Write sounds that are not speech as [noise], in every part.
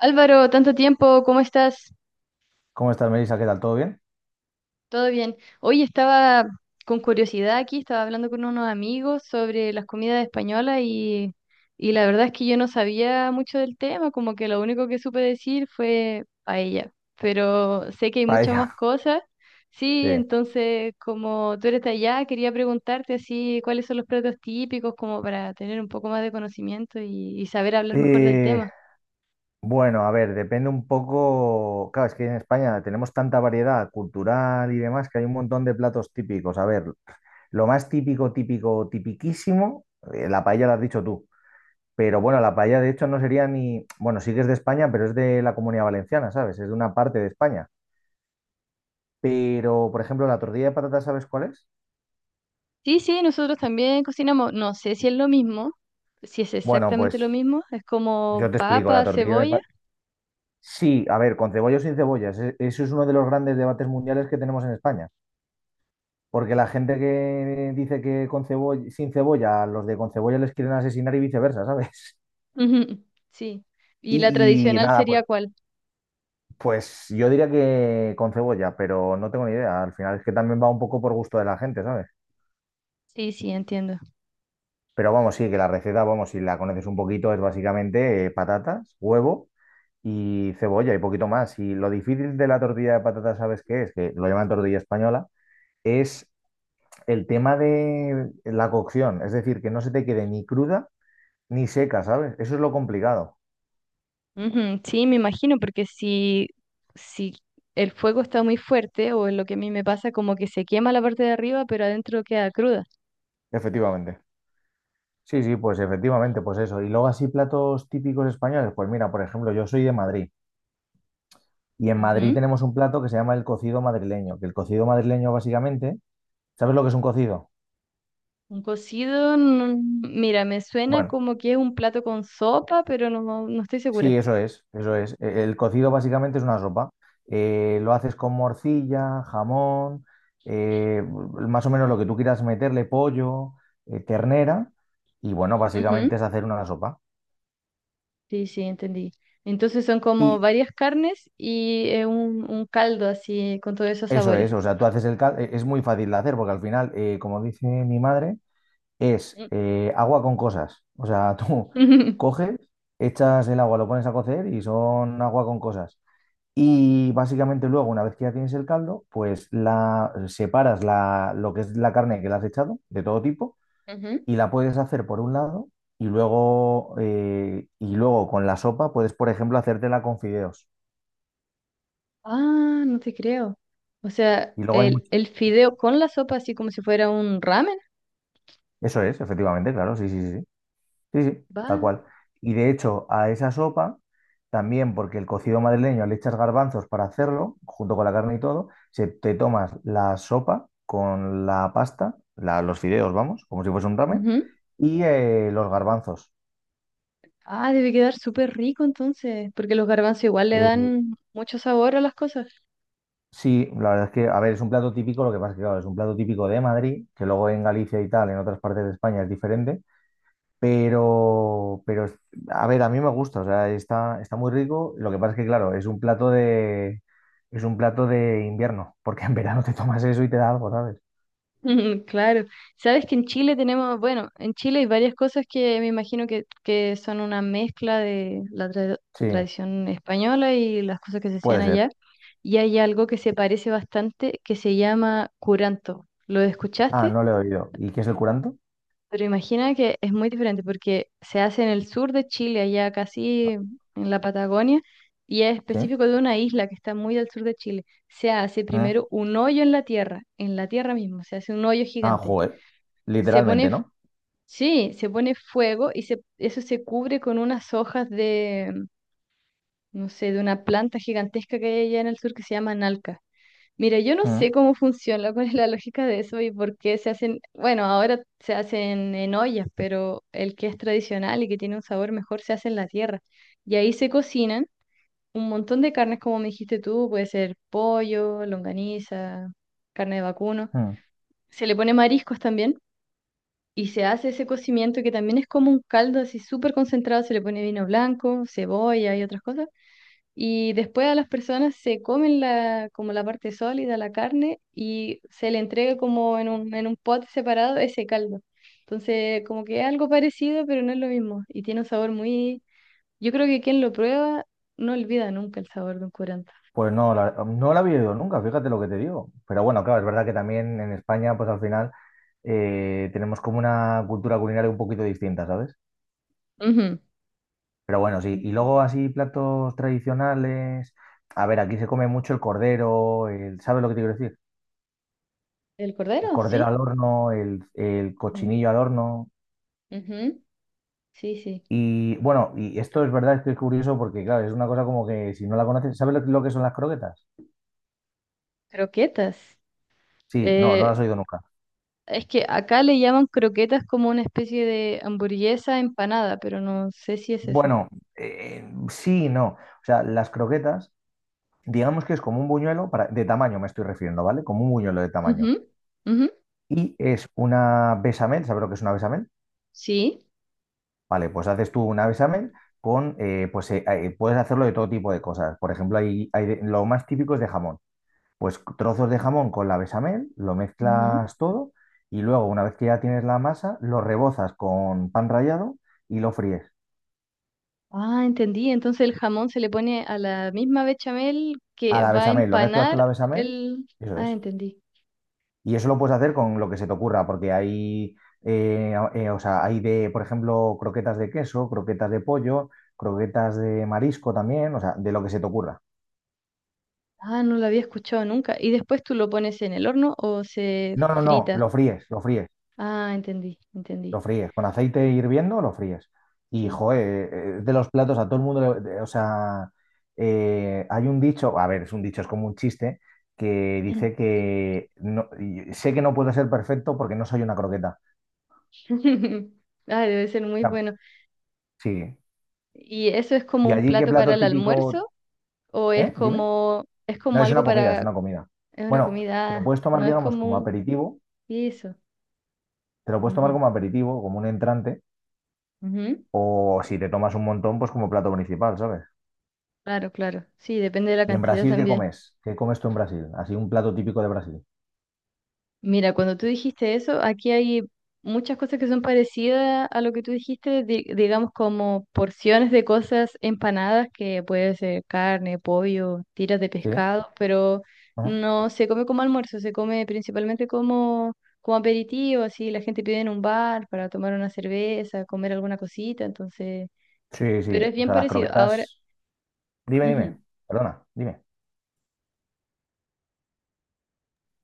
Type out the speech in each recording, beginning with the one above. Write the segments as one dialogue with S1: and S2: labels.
S1: Álvaro, tanto tiempo, ¿cómo estás?
S2: ¿Cómo estás, Melissa? ¿Qué tal? ¿Todo bien?
S1: ¿Todo bien? Hoy estaba con curiosidad aquí, estaba hablando con unos amigos sobre las comidas españolas y la verdad es que yo no sabía mucho del tema, como que lo único que supe decir fue paella, pero sé que hay muchas
S2: Paella.
S1: más
S2: [laughs]
S1: cosas.
S2: Sí.
S1: Sí, entonces como tú eres de allá, quería preguntarte así cuáles son los platos típicos como para tener un poco más de conocimiento y saber hablar mejor del
S2: Y
S1: tema.
S2: bueno, a ver, depende un poco. Claro, es que en España tenemos tanta variedad cultural y demás que hay un montón de platos típicos. A ver, lo más típico, típico, tipiquísimo, la paella la has dicho tú. Pero bueno, la paella de hecho no sería ni. Bueno, sí que es de España, pero es de la Comunidad Valenciana, ¿sabes? Es de una parte de España. Pero, por ejemplo, la tortilla de patatas, ¿sabes cuál es?
S1: Sí, sí, nosotros también cocinamos, no sé si es lo mismo, si es
S2: Bueno,
S1: exactamente lo
S2: pues
S1: mismo, es como
S2: yo te explico. La
S1: papa,
S2: tortilla de,
S1: cebolla.
S2: pa- Sí, a ver, con cebolla o sin cebollas. Eso es uno de los grandes debates mundiales que tenemos en España. Porque la gente que dice que con cebolla, sin cebolla, a los de con cebolla les quieren asesinar y viceversa, [laughs] ¿sabes?
S1: Ujú, sí. ¿Y la
S2: Y
S1: tradicional
S2: nada,
S1: sería
S2: pues,
S1: cuál?
S2: pues yo diría que con cebolla, pero no tengo ni idea. Al final es que también va un poco por gusto de la gente, ¿sabes?
S1: Sí, sí, entiendo.
S2: Pero vamos, sí, que la receta, vamos, si la conoces un poquito, es básicamente patatas, huevo y cebolla y poquito más. Y lo difícil de la tortilla de patatas, ¿sabes qué es? Que lo llaman tortilla española es el tema de la cocción, es decir, que no se te quede ni cruda ni seca, ¿sabes? Eso es lo complicado.
S1: Ujú, sí, me imagino, porque si el fuego está muy fuerte, o es lo que a mí me pasa, como que se quema la parte de arriba, pero adentro queda cruda.
S2: Efectivamente. Sí, sí, pues efectivamente, pues eso. Y luego así platos típicos españoles, pues mira, por ejemplo, yo soy de Madrid y en Madrid
S1: Ujú.
S2: tenemos un plato que se llama el cocido madrileño, que el cocido madrileño básicamente, ¿sabes lo que es un cocido?
S1: Un cocido, mira, me suena
S2: Bueno,
S1: como que es un plato con sopa, pero no, no estoy
S2: sí,
S1: segura.
S2: eso es, eso es. El cocido básicamente es una sopa. Lo haces con morcilla, jamón, eh, más o menos lo que tú quieras meterle, pollo, ternera, y bueno, básicamente es hacer una sopa.
S1: Sí, sí, entendí. Entonces son como
S2: Y
S1: varias carnes y un caldo así con todos esos
S2: eso
S1: sabores.
S2: es, o sea, tú haces el caldo, es muy fácil de hacer porque al final, como dice mi madre, es
S1: Mm.
S2: agua con cosas. O sea, [laughs] tú
S1: [laughs]
S2: coges, echas el agua, lo pones a cocer y son agua con cosas. Y básicamente luego, una vez que ya tienes el caldo, pues la separas lo que es la carne que le has echado, de todo tipo,
S1: Ujú.
S2: y la puedes hacer por un lado, y luego, y luego con la sopa puedes, por ejemplo, hacértela con fideos.
S1: Ah, no te creo. O sea,
S2: Y luego hay
S1: el,
S2: mucho.
S1: el fideo con la sopa así como si fuera un ramen.
S2: Eso es, efectivamente, claro, sí, sí, sí. Sí. Sí, sí.
S1: Va.
S2: Tal cual. Y de hecho, a esa sopa, también porque el cocido madrileño le echas garbanzos para hacerlo, junto con la carne y todo, se, te tomas la sopa con la pasta, los fideos, vamos, como si fuese un ramen,
S1: Ujú.
S2: y los garbanzos.
S1: Ah, debe quedar súper rico entonces, porque los garbanzos igual le
S2: Eh,
S1: dan mucho sabor a las cosas.
S2: sí, la verdad es que, a ver, es un plato típico, lo que pasa es que, claro, es un plato típico de Madrid, que luego en Galicia y tal, en otras partes de España es diferente. Pero, pero, es- a ver, a mí me gusta, o sea, está, está muy rico. Lo que pasa es que, claro, es un plato de, es un plato de invierno, porque en verano te tomas eso y te da algo, ¿sabes?
S1: [laughs] Claro, sabes que en Chile tenemos, bueno, en Chile hay varias cosas que me imagino que son una mezcla de la
S2: Sí,
S1: tradición española y las cosas que se hacían
S2: puede ser.
S1: allá. Y hay algo que se parece bastante que se llama curanto. ¿Lo
S2: Ah,
S1: escuchaste?
S2: no le he oído. ¿Y qué es el curanto?
S1: Pero imagina que es muy diferente porque se hace en el sur de Chile, allá casi en la Patagonia, y es
S2: Sí.
S1: específico de una isla que está muy al sur de Chile. Se hace
S2: Mm.
S1: primero un hoyo en la tierra mismo, se hace un hoyo
S2: Ah,
S1: gigante.
S2: joder.
S1: Se
S2: Literalmente,
S1: pone
S2: ¿no?
S1: Sí, se pone fuego y se, eso se cubre con unas hojas de, no sé, de una planta gigantesca que hay allá en el sur que se llama nalca. Mira, yo no sé
S2: Mm,
S1: cómo funciona, [laughs] cuál es la lógica de eso y por qué se hacen, bueno, ahora se hacen en ollas, pero el que es tradicional y que tiene un sabor mejor se hace en la tierra. Y ahí se cocinan un montón de carnes, como me dijiste tú, puede ser pollo, longaniza, carne de vacuno.
S2: mm.
S1: Se le pone mariscos también y se hace ese cocimiento que también es como un caldo así súper concentrado, se le pone vino blanco, cebolla y otras cosas. Y después a las personas se comen la, como la parte sólida, la carne, y se le entrega como en un pot separado ese caldo. Entonces, como que es algo parecido, pero no es lo mismo. Y tiene un sabor muy... Yo creo que quien lo prueba no olvida nunca el sabor de un curanto.
S2: Pues no, no la había oído nunca, fíjate lo que te digo. Pero bueno, claro, es verdad que también en España, pues al final tenemos como una cultura culinaria un poquito distinta, ¿sabes?
S1: Ujú.
S2: Pero bueno, sí. Y luego así platos tradicionales. A ver, aquí se come mucho el cordero, el, ¿sabes lo que te quiero decir?
S1: ¿El
S2: El
S1: cordero?
S2: cordero
S1: Sí.
S2: al horno, el
S1: Ujú.
S2: cochinillo al horno.
S1: Ujú. Sí, sí.
S2: Y bueno, y esto es verdad, es que es curioso porque, claro, es una cosa como que si no la conoces, ¿sabes lo que son las croquetas?
S1: Croquetas.
S2: Sí, no, no
S1: Eh,
S2: las he oído nunca.
S1: Es que acá le llaman croquetas como una especie de hamburguesa empanada, pero no sé si es eso.
S2: Bueno, sí, y no. O sea, las croquetas, digamos que es como un buñuelo, para, de tamaño me estoy refiriendo, ¿vale? Como un buñuelo de tamaño.
S1: Ujú, ujú,
S2: Y es una bechamel, ¿sabes lo que es una bechamel?
S1: sí.
S2: Vale, pues haces tú un examen con, puedes hacerlo de todo tipo de cosas. Por ejemplo, lo más típico es de jamón. Pues trozos de jamón con la bechamel, lo
S1: Ujú.
S2: mezclas todo y luego, una vez que ya tienes la masa, lo rebozas con pan rallado y lo fríes.
S1: Ah, entendí. Entonces el jamón se le pone a la misma bechamel
S2: A
S1: que
S2: la
S1: va a
S2: bechamel, lo mezclas con
S1: empanar
S2: la bechamel,
S1: el...
S2: eso
S1: Ah,
S2: es.
S1: entendí.
S2: Y eso lo puedes hacer con lo que se te ocurra, porque hay, o sea, hay de, por ejemplo, croquetas de queso, croquetas de pollo, croquetas de marisco también, o sea, de lo que se te ocurra.
S1: Ah, no lo había escuchado nunca. ¿Y después tú lo pones en el horno o se
S2: No, no, no,
S1: frita? Ah, entendí,
S2: lo
S1: entendí.
S2: fríes. Con aceite hirviendo, lo fríes. Y,
S1: Sí.
S2: joder, de los platos a todo el mundo, o sea, hay un dicho, a ver, es un dicho, es como un chiste, que dice que y sé que no puedo ser perfecto porque no soy una croqueta.
S1: [laughs] Ah, debe ser
S2: O
S1: muy
S2: sea,
S1: bueno.
S2: sí.
S1: ¿Y eso es como
S2: ¿Y
S1: un
S2: allí qué
S1: plato para
S2: plato
S1: el
S2: típico?
S1: almuerzo? O
S2: ¿Eh? Dime.
S1: es
S2: No,
S1: como
S2: es una
S1: algo
S2: comida, es
S1: para,
S2: una comida.
S1: es una
S2: Bueno, te lo
S1: comida,
S2: puedes tomar,
S1: no es
S2: digamos, como
S1: como
S2: aperitivo,
S1: eso.
S2: te lo puedes tomar
S1: Ujú,
S2: como aperitivo, como un entrante,
S1: ujú.
S2: o si te tomas un montón, pues como plato principal, ¿sabes?
S1: Claro, claro. Sí, depende de la
S2: ¿Y en
S1: cantidad
S2: Brasil qué
S1: también.
S2: comes? ¿Qué comes tú en Brasil? Así un plato típico de Brasil.
S1: Mira, cuando tú dijiste eso, aquí hay muchas cosas que son parecidas a lo que tú dijiste, digamos como porciones de cosas empanadas, que puede ser carne, pollo, tiras de
S2: ¿Sí?
S1: pescado, pero
S2: Ajá.
S1: no se come como almuerzo, se come principalmente como, como aperitivo, así la gente pide en un bar para tomar una cerveza, comer alguna cosita, entonces,
S2: Sí,
S1: pero
S2: sí.
S1: es
S2: O
S1: bien
S2: sea, las
S1: parecido. Ahora,
S2: croquetas. Dime,
S1: ujú.
S2: dime. Perdona, dime.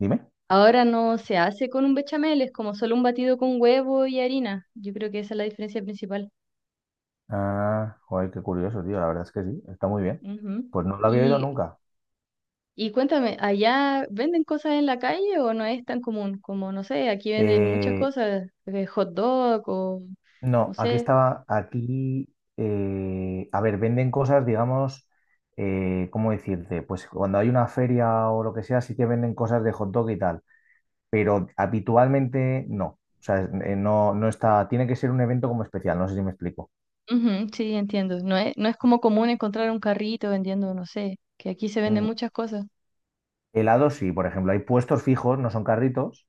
S2: Dime.
S1: Ahora no se hace con un bechamel, es como solo un batido con huevo y harina. Yo creo que esa es la diferencia principal.
S2: Ah, joder, qué curioso, tío. La verdad es que sí, está muy bien.
S1: Ujú.
S2: Pues no lo había oído
S1: Y,
S2: nunca.
S1: y cuéntame, ¿allá venden cosas en la calle o no es tan común? Como, no sé, aquí venden muchas
S2: Eh,
S1: cosas, hot dog o
S2: no,
S1: no sé.
S2: a ver, venden cosas, digamos, ¿cómo decirte? Pues cuando hay una feria o lo que sea, sí que venden cosas de hot dog y tal, pero habitualmente no. O sea, no, no está, tiene que ser un evento como especial, no sé si me explico.
S1: Ujú, sí, entiendo. No es, no es como común encontrar un carrito vendiendo, no sé, que aquí se venden
S2: Mm.
S1: muchas cosas.
S2: Helado sí, por ejemplo, hay puestos fijos, no son carritos,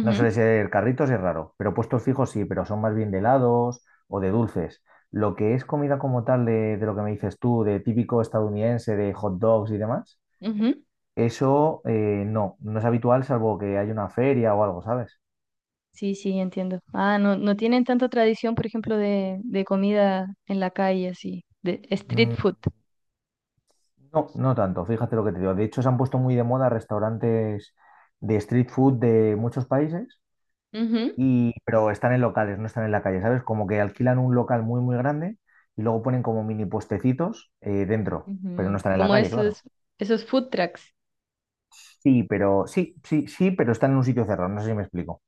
S2: no suele ser carritos, es raro, pero puestos fijos sí, pero son más bien de helados o de dulces. Lo que es comida como tal de lo que me dices tú, de típico estadounidense, de hot dogs y demás,
S1: ujú.
S2: eso no, no es habitual salvo que haya una feria o algo, ¿sabes?
S1: Sí, sí, entiendo. Ah, no, no tienen tanta tradición, por ejemplo, de comida en la calle, así, de street
S2: Mm.
S1: food.
S2: No, no tanto, fíjate lo que te digo. De hecho, se han puesto muy de moda restaurantes de street food de muchos países,
S1: Ujú,
S2: y, pero están en locales, no están en la calle, ¿sabes? Como que alquilan un local muy, muy grande y luego ponen como mini puestecitos dentro, pero no
S1: ujú.
S2: están en la
S1: Como
S2: calle,
S1: esos,
S2: claro.
S1: esos food trucks.
S2: Sí, pero sí, sí, sí, pero están en un sitio cerrado, no sé si me explico.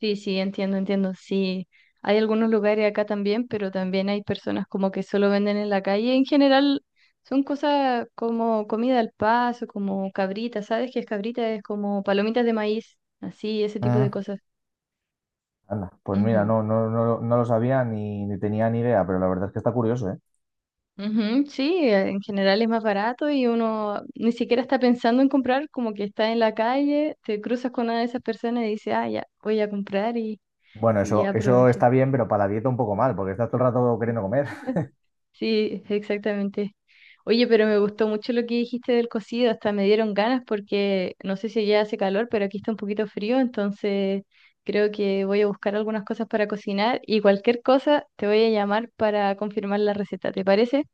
S1: Sí, sí, entiendo, entiendo. Sí, hay algunos lugares acá también, pero también hay personas como que solo venden en la calle. En general son cosas como comida al paso, como cabrita, ¿sabes qué es cabrita? Es como palomitas de maíz, así, ese tipo
S2: Mm.
S1: de cosas.
S2: Anda, pues mira,
S1: Ujú,
S2: no, no, no, no lo sabía ni tenía ni idea, pero la verdad es que está curioso, ¿eh?
S1: ujú, sí, en general es más barato y uno ni siquiera está pensando en comprar, como que está en la calle, te cruzas con una de esas personas y dices, ah, ya, voy a comprar
S2: Bueno,
S1: y
S2: eso
S1: aprovechas.
S2: está bien, pero para la dieta un poco mal, porque estás todo el rato queriendo comer. [laughs]
S1: [laughs] Sí, exactamente. Oye, pero me gustó mucho lo que dijiste del cocido, hasta me dieron ganas porque no sé si ya hace calor, pero aquí está un poquito frío, entonces creo que voy a buscar algunas cosas para cocinar y cualquier cosa te voy a llamar para confirmar la receta, ¿te parece?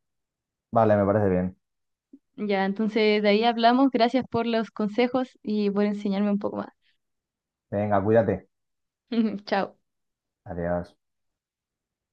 S2: Vale, me parece bien.
S1: Ya, entonces de ahí hablamos. Gracias por los consejos y por enseñarme un poco más.
S2: Venga, cuídate.
S1: [laughs] Chao.
S2: Adiós.